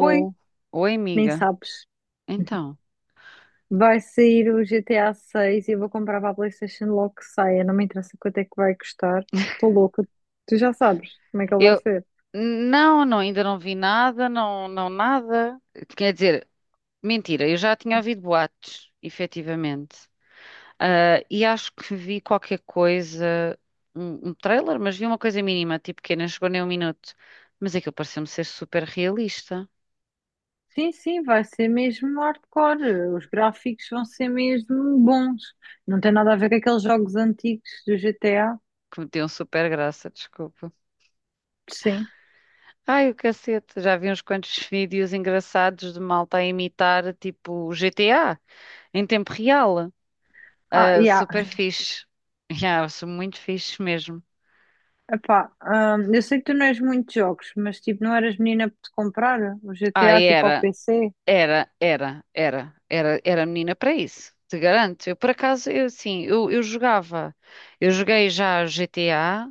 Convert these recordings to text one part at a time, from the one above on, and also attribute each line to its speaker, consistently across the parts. Speaker 1: Oi,
Speaker 2: Oi,
Speaker 1: nem
Speaker 2: amiga.
Speaker 1: sabes.
Speaker 2: Então,
Speaker 1: Vai sair o GTA 6 e eu vou comprar para a PlayStation logo que saia. Não me interessa quanto é que vai custar. Estou louca. Tu já sabes como é que ele vai
Speaker 2: eu
Speaker 1: ser.
Speaker 2: não, não, ainda não vi nada, não, não nada. Quer dizer, mentira, eu já tinha ouvido boatos, efetivamente. Ah, e acho que vi qualquer coisa, um trailer, mas vi uma coisa mínima, tipo que nem chegou nem um minuto. Mas aquilo pareceu-me ser super realista,
Speaker 1: Sim, sim, vai ser mesmo hardcore. Os gráficos vão ser mesmo bons. Não tem nada a ver com aqueles jogos antigos do GTA.
Speaker 2: que me deu super graça, desculpa.
Speaker 1: Sim.
Speaker 2: Ai, o cacete, já vi uns quantos vídeos engraçados de malta a imitar, tipo GTA, em tempo real.
Speaker 1: Ah,
Speaker 2: Ah,
Speaker 1: yeah.
Speaker 2: super fixe. Yeah, sou muito fixe mesmo.
Speaker 1: Epá, eu sei que tu não és muito de jogos, mas tipo, não eras menina para te comprar o
Speaker 2: Ah,
Speaker 1: GTA tipo ao
Speaker 2: era,
Speaker 1: PC?
Speaker 2: era, era, era, era, era menina para isso. Te garanto. Eu, por acaso, eu sim, eu jogava. Eu joguei já GTA,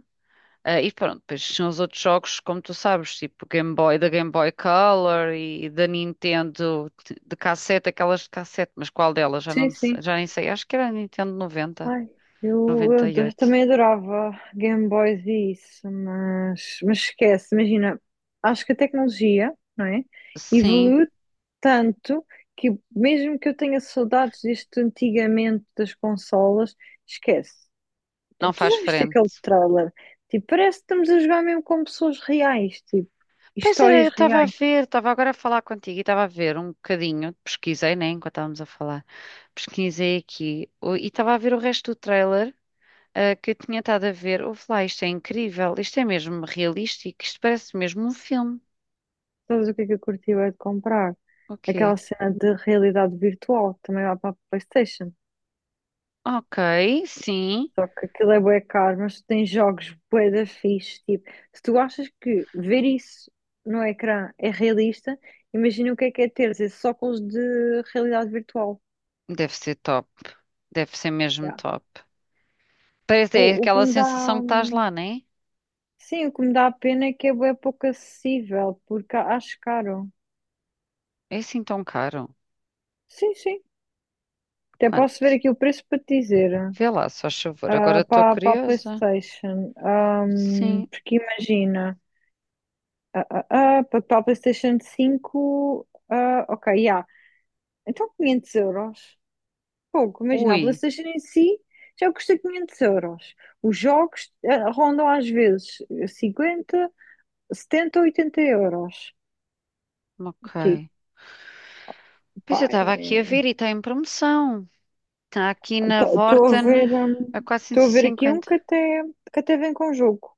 Speaker 2: ah, e pronto, depois tinham os outros jogos, como tu sabes, tipo Game Boy, da Game Boy Color e da Nintendo de cassete, aquelas de cassete, mas qual delas? Já
Speaker 1: Sim,
Speaker 2: não,
Speaker 1: sim.
Speaker 2: sei- já nem sei. Acho que era a Nintendo noventa,
Speaker 1: Ai, eu, eu
Speaker 2: noventa e
Speaker 1: do-
Speaker 2: oito.
Speaker 1: também adorava Game Boys e isso, mas esquece, imagina, acho que a tecnologia, não é,
Speaker 2: Sim,
Speaker 1: evoluiu tanto que mesmo que eu tenha saudades deste antigamente das consolas, esquece.
Speaker 2: não
Speaker 1: Portanto, tu
Speaker 2: faz
Speaker 1: já viste aquele
Speaker 2: frente.
Speaker 1: trailer? Tipo, parece que estamos a jogar mesmo com pessoas reais, tipo,
Speaker 2: Pois era,
Speaker 1: histórias
Speaker 2: eu estava a
Speaker 1: reais.
Speaker 2: ver, estava agora a falar contigo e estava a ver um bocadinho, pesquisei, né, enquanto estávamos a falar, pesquisei e estava a ver o resto do trailer ah, que eu tinha estado a ver. Ouve lá, isto é incrível, isto é mesmo realístico, isto parece mesmo um filme.
Speaker 1: Sabes o que é que eu curti bué de comprar?
Speaker 2: O quê?
Speaker 1: Aquela cena de realidade virtual que também lá para a PlayStation.
Speaker 2: Ok, sim,
Speaker 1: Só que aquilo é bué caro, mas tu tens jogos bué da fixe. Tipo, se tu achas que ver isso no ecrã é realista, imagina o que é ter esses óculos de realidade virtual.
Speaker 2: deve ser top, deve ser mesmo
Speaker 1: Yeah.
Speaker 2: top. Parece é
Speaker 1: O que
Speaker 2: aquela
Speaker 1: me dá,
Speaker 2: sensação que estás lá, né?
Speaker 1: sim, o que me dá pena é que é bué pouco acessível, porque acho caro.
Speaker 2: É assim tão caro?
Speaker 1: Sim, sim. Até posso ver
Speaker 2: Quanto?
Speaker 1: aqui o preço para te dizer,
Speaker 2: Vê lá, só favor, agora
Speaker 1: ah,
Speaker 2: estou
Speaker 1: para a
Speaker 2: curiosa.
Speaker 1: PlayStation.
Speaker 2: Sim,
Speaker 1: Porque imagina, para a PlayStation cinco, ah, ok, já. Então 500 euros. Pouco, imagina, a
Speaker 2: ui,
Speaker 1: PlayStation em si já custa 500 euros. Os jogos, rondam às vezes 50, 70, 80 euros.
Speaker 2: ok.
Speaker 1: Tipo,
Speaker 2: Pois eu
Speaker 1: pá,
Speaker 2: estava aqui a ver e está em promoção. Está aqui na
Speaker 1: estou a
Speaker 2: Vorten
Speaker 1: ver, hum,
Speaker 2: a
Speaker 1: estou a ver aqui um
Speaker 2: 450.
Speaker 1: que até vem com jogo.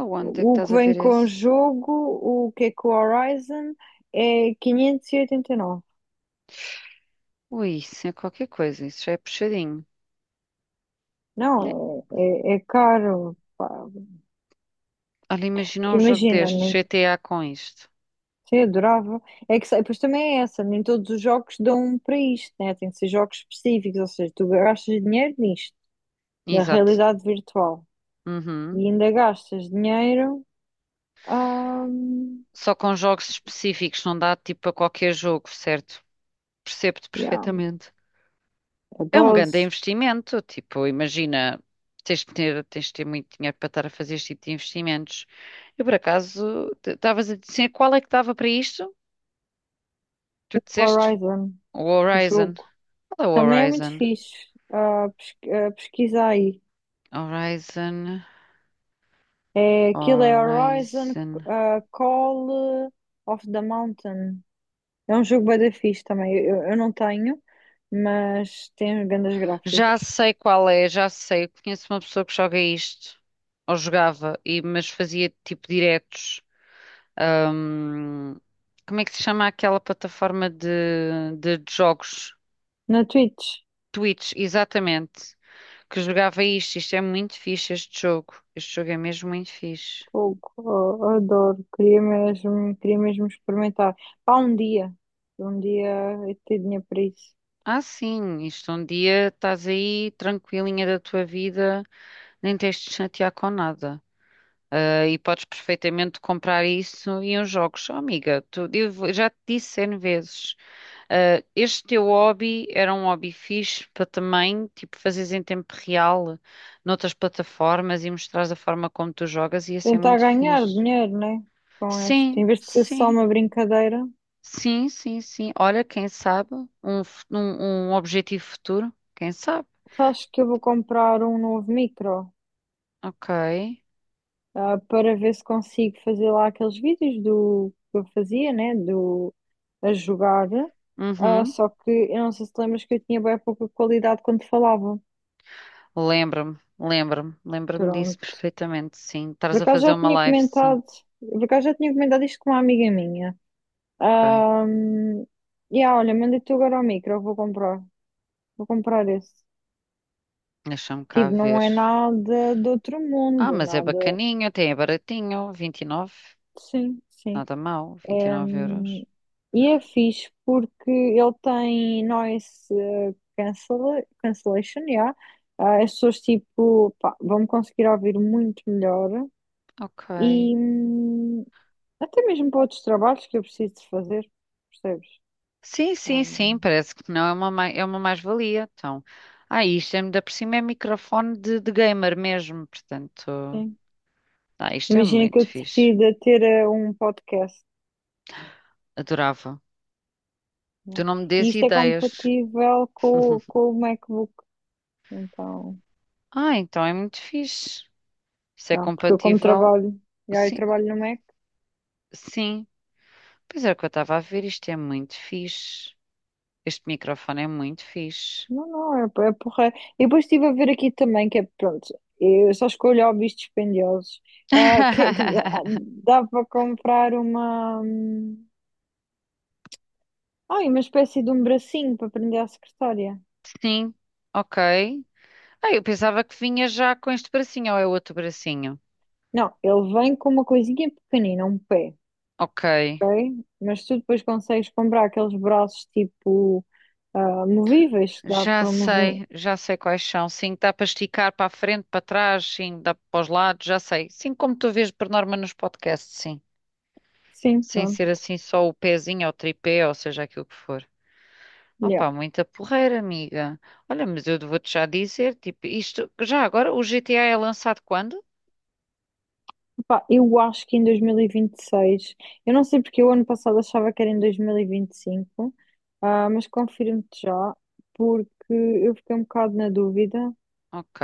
Speaker 2: Aonde é que
Speaker 1: O
Speaker 2: estás
Speaker 1: que
Speaker 2: a
Speaker 1: vem
Speaker 2: ver
Speaker 1: com
Speaker 2: esse?
Speaker 1: jogo, o que é com o Horizon, é 589.
Speaker 2: Ui, isso é qualquer coisa, isso já é puxadinho. Né?
Speaker 1: Não, é, é caro, pá.
Speaker 2: Olha, imagina
Speaker 1: Porque
Speaker 2: um jogo
Speaker 1: imagina,
Speaker 2: deste,
Speaker 1: nem.
Speaker 2: GTA com isto.
Speaker 1: Sim, adorava. É que, pois também é essa, nem todos os jogos dão para isto, né? Tem que ser jogos específicos, ou seja, tu gastas dinheiro nisto, na
Speaker 2: Exato.
Speaker 1: realidade virtual, e
Speaker 2: Uhum.
Speaker 1: ainda gastas dinheiro a,
Speaker 2: Só com jogos específicos, não dá tipo a qualquer jogo, certo? Percebo-te
Speaker 1: yeah,
Speaker 2: perfeitamente.
Speaker 1: a
Speaker 2: É um grande
Speaker 1: dose,
Speaker 2: investimento, tipo, imagina, tens de ter muito dinheiro para estar a fazer este tipo de investimentos. Eu, por acaso, estavas a dizer qual é que dava para isto? Tu
Speaker 1: o
Speaker 2: disseste
Speaker 1: Horizon,
Speaker 2: o
Speaker 1: o
Speaker 2: Horizon.
Speaker 1: jogo.
Speaker 2: Qual é o
Speaker 1: Também é muito
Speaker 2: Horizon?
Speaker 1: fixe, pesquisa aí.
Speaker 2: Horizon,
Speaker 1: É, aquilo é Horizon,
Speaker 2: Horizon.
Speaker 1: Call of the Mountain. É um jogo bem da fixe também. Eu não tenho, mas tem grandes gráficos.
Speaker 2: Já sei qual é, já sei. Conheço uma pessoa que joga isto, ou jogava, e, mas fazia tipo diretos. Ahm, como é que se chama aquela plataforma de jogos?
Speaker 1: Na Twitch,
Speaker 2: Twitch, exatamente. Que jogava isto. Isto é muito fixe, este jogo. Este jogo é mesmo muito fixe.
Speaker 1: fogo, oh, adoro, queria mesmo experimentar. Pá, um dia eu ter dinheiro para isso.
Speaker 2: Ah, sim, isto um dia estás aí tranquilinha da tua vida, nem tens de te chatear com nada. Ah, e podes perfeitamente comprar isso em uns jogos. Oh, amiga, tu, eu já te disse N vezes. Ah, este teu hobby era um hobby fixe para também, tipo, fazeres em tempo real noutras plataformas e mostrares a forma como tu jogas, ia ser
Speaker 1: Tentar
Speaker 2: muito
Speaker 1: ganhar
Speaker 2: fixe.
Speaker 1: dinheiro, né? Com este,
Speaker 2: Sim,
Speaker 1: em vez de ser só
Speaker 2: sim,
Speaker 1: uma brincadeira,
Speaker 2: sim, sim, sim. Olha, quem sabe um objetivo futuro, quem sabe?
Speaker 1: acho que eu vou comprar um novo micro,
Speaker 2: Ok.
Speaker 1: ah, para ver se consigo fazer lá aqueles vídeos do que eu fazia, né? Do a jogar. Ah,
Speaker 2: Uhum.
Speaker 1: só que eu não sei se te lembras que eu tinha bem pouca qualidade quando falava.
Speaker 2: Lembra-me, lembra-me, lembra-me disso
Speaker 1: Pronto,
Speaker 2: perfeitamente, sim.
Speaker 1: por
Speaker 2: Estás a
Speaker 1: acaso
Speaker 2: fazer
Speaker 1: já
Speaker 2: uma
Speaker 1: tinha
Speaker 2: live, sim.
Speaker 1: comentado, por acaso já tinha comentado isto com uma amiga minha.
Speaker 2: Ok.
Speaker 1: Ahm, e ah, olha, mandei tu agora o micro, eu vou comprar. Vou comprar esse.
Speaker 2: Deixa-me cá
Speaker 1: Tipo, não
Speaker 2: ver.
Speaker 1: é nada de outro
Speaker 2: Ah,
Speaker 1: mundo,
Speaker 2: mas é
Speaker 1: nada.
Speaker 2: bacaninho, até é baratinho, 29.
Speaker 1: Sim, sim.
Speaker 2: Nada mal, vinte e
Speaker 1: É,
Speaker 2: nove euros.
Speaker 1: e é fixe porque ele tem noise, cancellation, yeah. Ah, as pessoas tipo, pá, vão conseguir ouvir muito melhor
Speaker 2: Ok.
Speaker 1: e, até mesmo para outros trabalhos que eu preciso de fazer, percebes?
Speaker 2: Sim,
Speaker 1: Ah,
Speaker 2: sim, sim,
Speaker 1: mano.
Speaker 2: parece que não é uma, ma- é uma mais-valia. Então, ah, isto é, ainda por cima é microfone de gamer mesmo, portanto,
Speaker 1: Sim.
Speaker 2: ah, isto é
Speaker 1: Imagina que eu
Speaker 2: muito fixe.
Speaker 1: decida ter, um podcast,
Speaker 2: Adorava.
Speaker 1: né?
Speaker 2: Tu não me dês
Speaker 1: E isto é
Speaker 2: ideias.
Speaker 1: compatível com o com o MacBook. Então,
Speaker 2: Ah, então é muito fixe. Isso é
Speaker 1: já, porque eu como
Speaker 2: compatível?
Speaker 1: trabalho, já eu
Speaker 2: Sim,
Speaker 1: trabalho no Mac.
Speaker 2: sim. Pois é, o que eu estava a ver, isto é muito fixe. Este microfone é muito fixe.
Speaker 1: Não, não, é, é porra. E depois estive a ver aqui também que é, pronto, eu só escolho hobbies dispendiosos. Ah, que, é que dá para comprar uma... ai, uma espécie de um bracinho para prender à secretária.
Speaker 2: Sim, ok. Ah, eu pensava que vinha já com este bracinho, ou é outro bracinho?
Speaker 1: Não, ele vem com uma coisinha pequenina, um pé.
Speaker 2: Ok.
Speaker 1: Ok? Mas tu depois consegues comprar aqueles braços tipo, ah, movíveis que dá para mover.
Speaker 2: Já sei quais são. Sim, dá para esticar para a frente, para trás, sim, dá para os lados, já sei. Sim, como tu vês por norma nos podcasts, sim.
Speaker 1: Sim,
Speaker 2: Sem ser
Speaker 1: pronto.
Speaker 2: assim só o pezinho ou o tripé, ou seja, aquilo que for.
Speaker 1: Yeah.
Speaker 2: Opa, muita porreira, amiga. Olha, mas eu vou-te já dizer, tipo, isto, já agora, o GTA é lançado quando?
Speaker 1: Epá, eu acho que em 2026, eu não sei porque o ano passado achava que era em 2025, ah, mas confirmo-te já, porque eu fiquei um bocado na dúvida,
Speaker 2: Ok,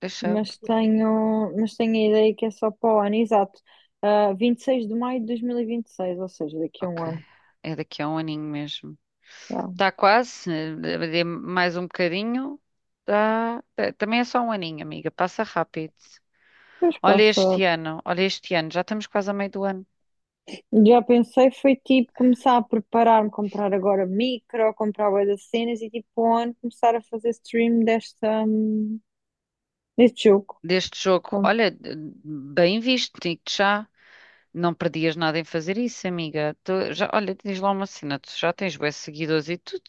Speaker 2: deixa eu ver.
Speaker 1: mas tenho a ideia que é só para o ano, exato. Ah, 26 de maio de 2026, ou seja, daqui a um
Speaker 2: Ok,
Speaker 1: ano.
Speaker 2: é daqui a um aninho mesmo.
Speaker 1: Yeah.
Speaker 2: Está quase, mais um bocadinho. Tá, também é só um aninho, amiga, passa rápido.
Speaker 1: Depois passa.
Speaker 2: Olha este ano, já estamos quase a meio do ano
Speaker 1: Já pensei, foi tipo começar a preparar-me, comprar agora micro, comprar bué das cenas e tipo on, começar a fazer stream desta, deste jogo.
Speaker 2: deste jogo.
Speaker 1: Com-.
Speaker 2: Olha, bem visto, digo-te já. Não perdias nada em fazer isso, amiga. Tu já, olha, tens lá uma cena, tu já tens bué seguidores e tudo.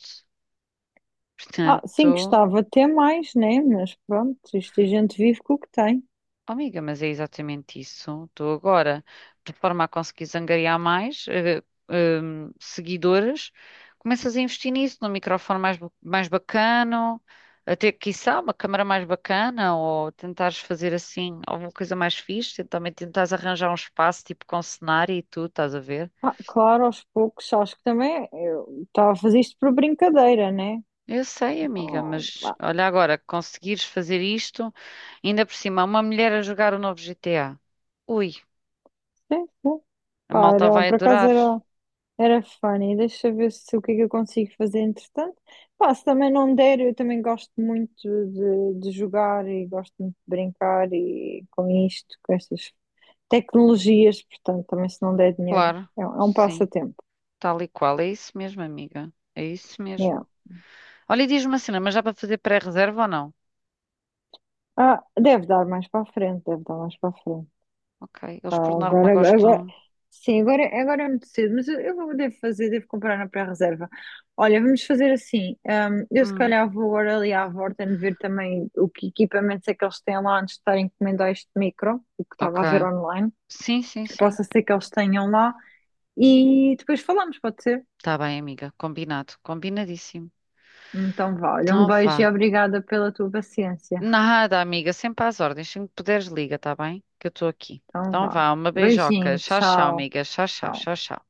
Speaker 1: Ah, sim,
Speaker 2: Portanto.
Speaker 1: gostava até mais, né? Mas pronto, isto a gente vive com o que tem.
Speaker 2: Oh, amiga, mas é exatamente isso. Estou agora, de forma a conseguir angariar mais seguidores, começas a investir nisso, num microfone mais bacana, até, quiçá, uma câmara mais bacana, ou tentares fazer assim alguma coisa mais fixe, também tentares arranjar um espaço tipo com cenário e tudo, estás a ver?
Speaker 1: Ah, claro, aos poucos, acho que também eu estava a fazer isto por brincadeira, né?
Speaker 2: Eu sei, amiga,
Speaker 1: Ah,
Speaker 2: mas
Speaker 1: pá,
Speaker 2: olha agora, conseguires fazer isto, ainda por cima, uma mulher a jogar o novo GTA. Ui,
Speaker 1: sim, sim.
Speaker 2: a malta
Speaker 1: Para,
Speaker 2: vai
Speaker 1: por acaso
Speaker 2: adorar.
Speaker 1: era. Era funny, deixa eu ver se o que é que eu consigo fazer entretanto. Pá, se também não der, eu também gosto muito de jogar e gosto muito de brincar e com isto, com estas tecnologias, portanto, também se não der dinheiro,
Speaker 2: Claro,
Speaker 1: é, é um
Speaker 2: sim,
Speaker 1: passatempo.
Speaker 2: tal e qual. É isso mesmo, amiga. É isso
Speaker 1: Yeah.
Speaker 2: mesmo. Olha, e diz-me assim, mas dá para fazer pré-reserva ou não?
Speaker 1: Ah, deve dar mais para a frente, deve dar mais para a frente.
Speaker 2: Ok,
Speaker 1: Ah,
Speaker 2: eles por norma
Speaker 1: agora,
Speaker 2: gostam.
Speaker 1: agora, sim, agora, agora é muito cedo, mas eu devo fazer, devo comprar na pré-reserva. Olha, vamos fazer assim. Eu se
Speaker 2: Hum,
Speaker 1: calhar vou agora ali à Vorten ver também o que equipamentos é que eles têm lá antes de estar a encomendar este micro, o que estava a ver
Speaker 2: ok.
Speaker 1: online.
Speaker 2: Sim, sim, sim.
Speaker 1: Possa ser que eles tenham lá e depois falamos, pode ser?
Speaker 2: Tá bem, amiga. Combinado, combinadíssimo.
Speaker 1: Então vá, olha, um
Speaker 2: Então
Speaker 1: beijo e
Speaker 2: vá.
Speaker 1: obrigada pela tua paciência.
Speaker 2: Nada, amiga, sempre às ordens. Sempre que puderes, liga, tá bem? Que eu estou aqui.
Speaker 1: Então
Speaker 2: Então
Speaker 1: vá.
Speaker 2: vá, uma beijoca.
Speaker 1: Beijinho,
Speaker 2: Tchau, tchau,
Speaker 1: tchau.
Speaker 2: amiga. Tchau, tchau,
Speaker 1: Tchau.
Speaker 2: tchau, tchau.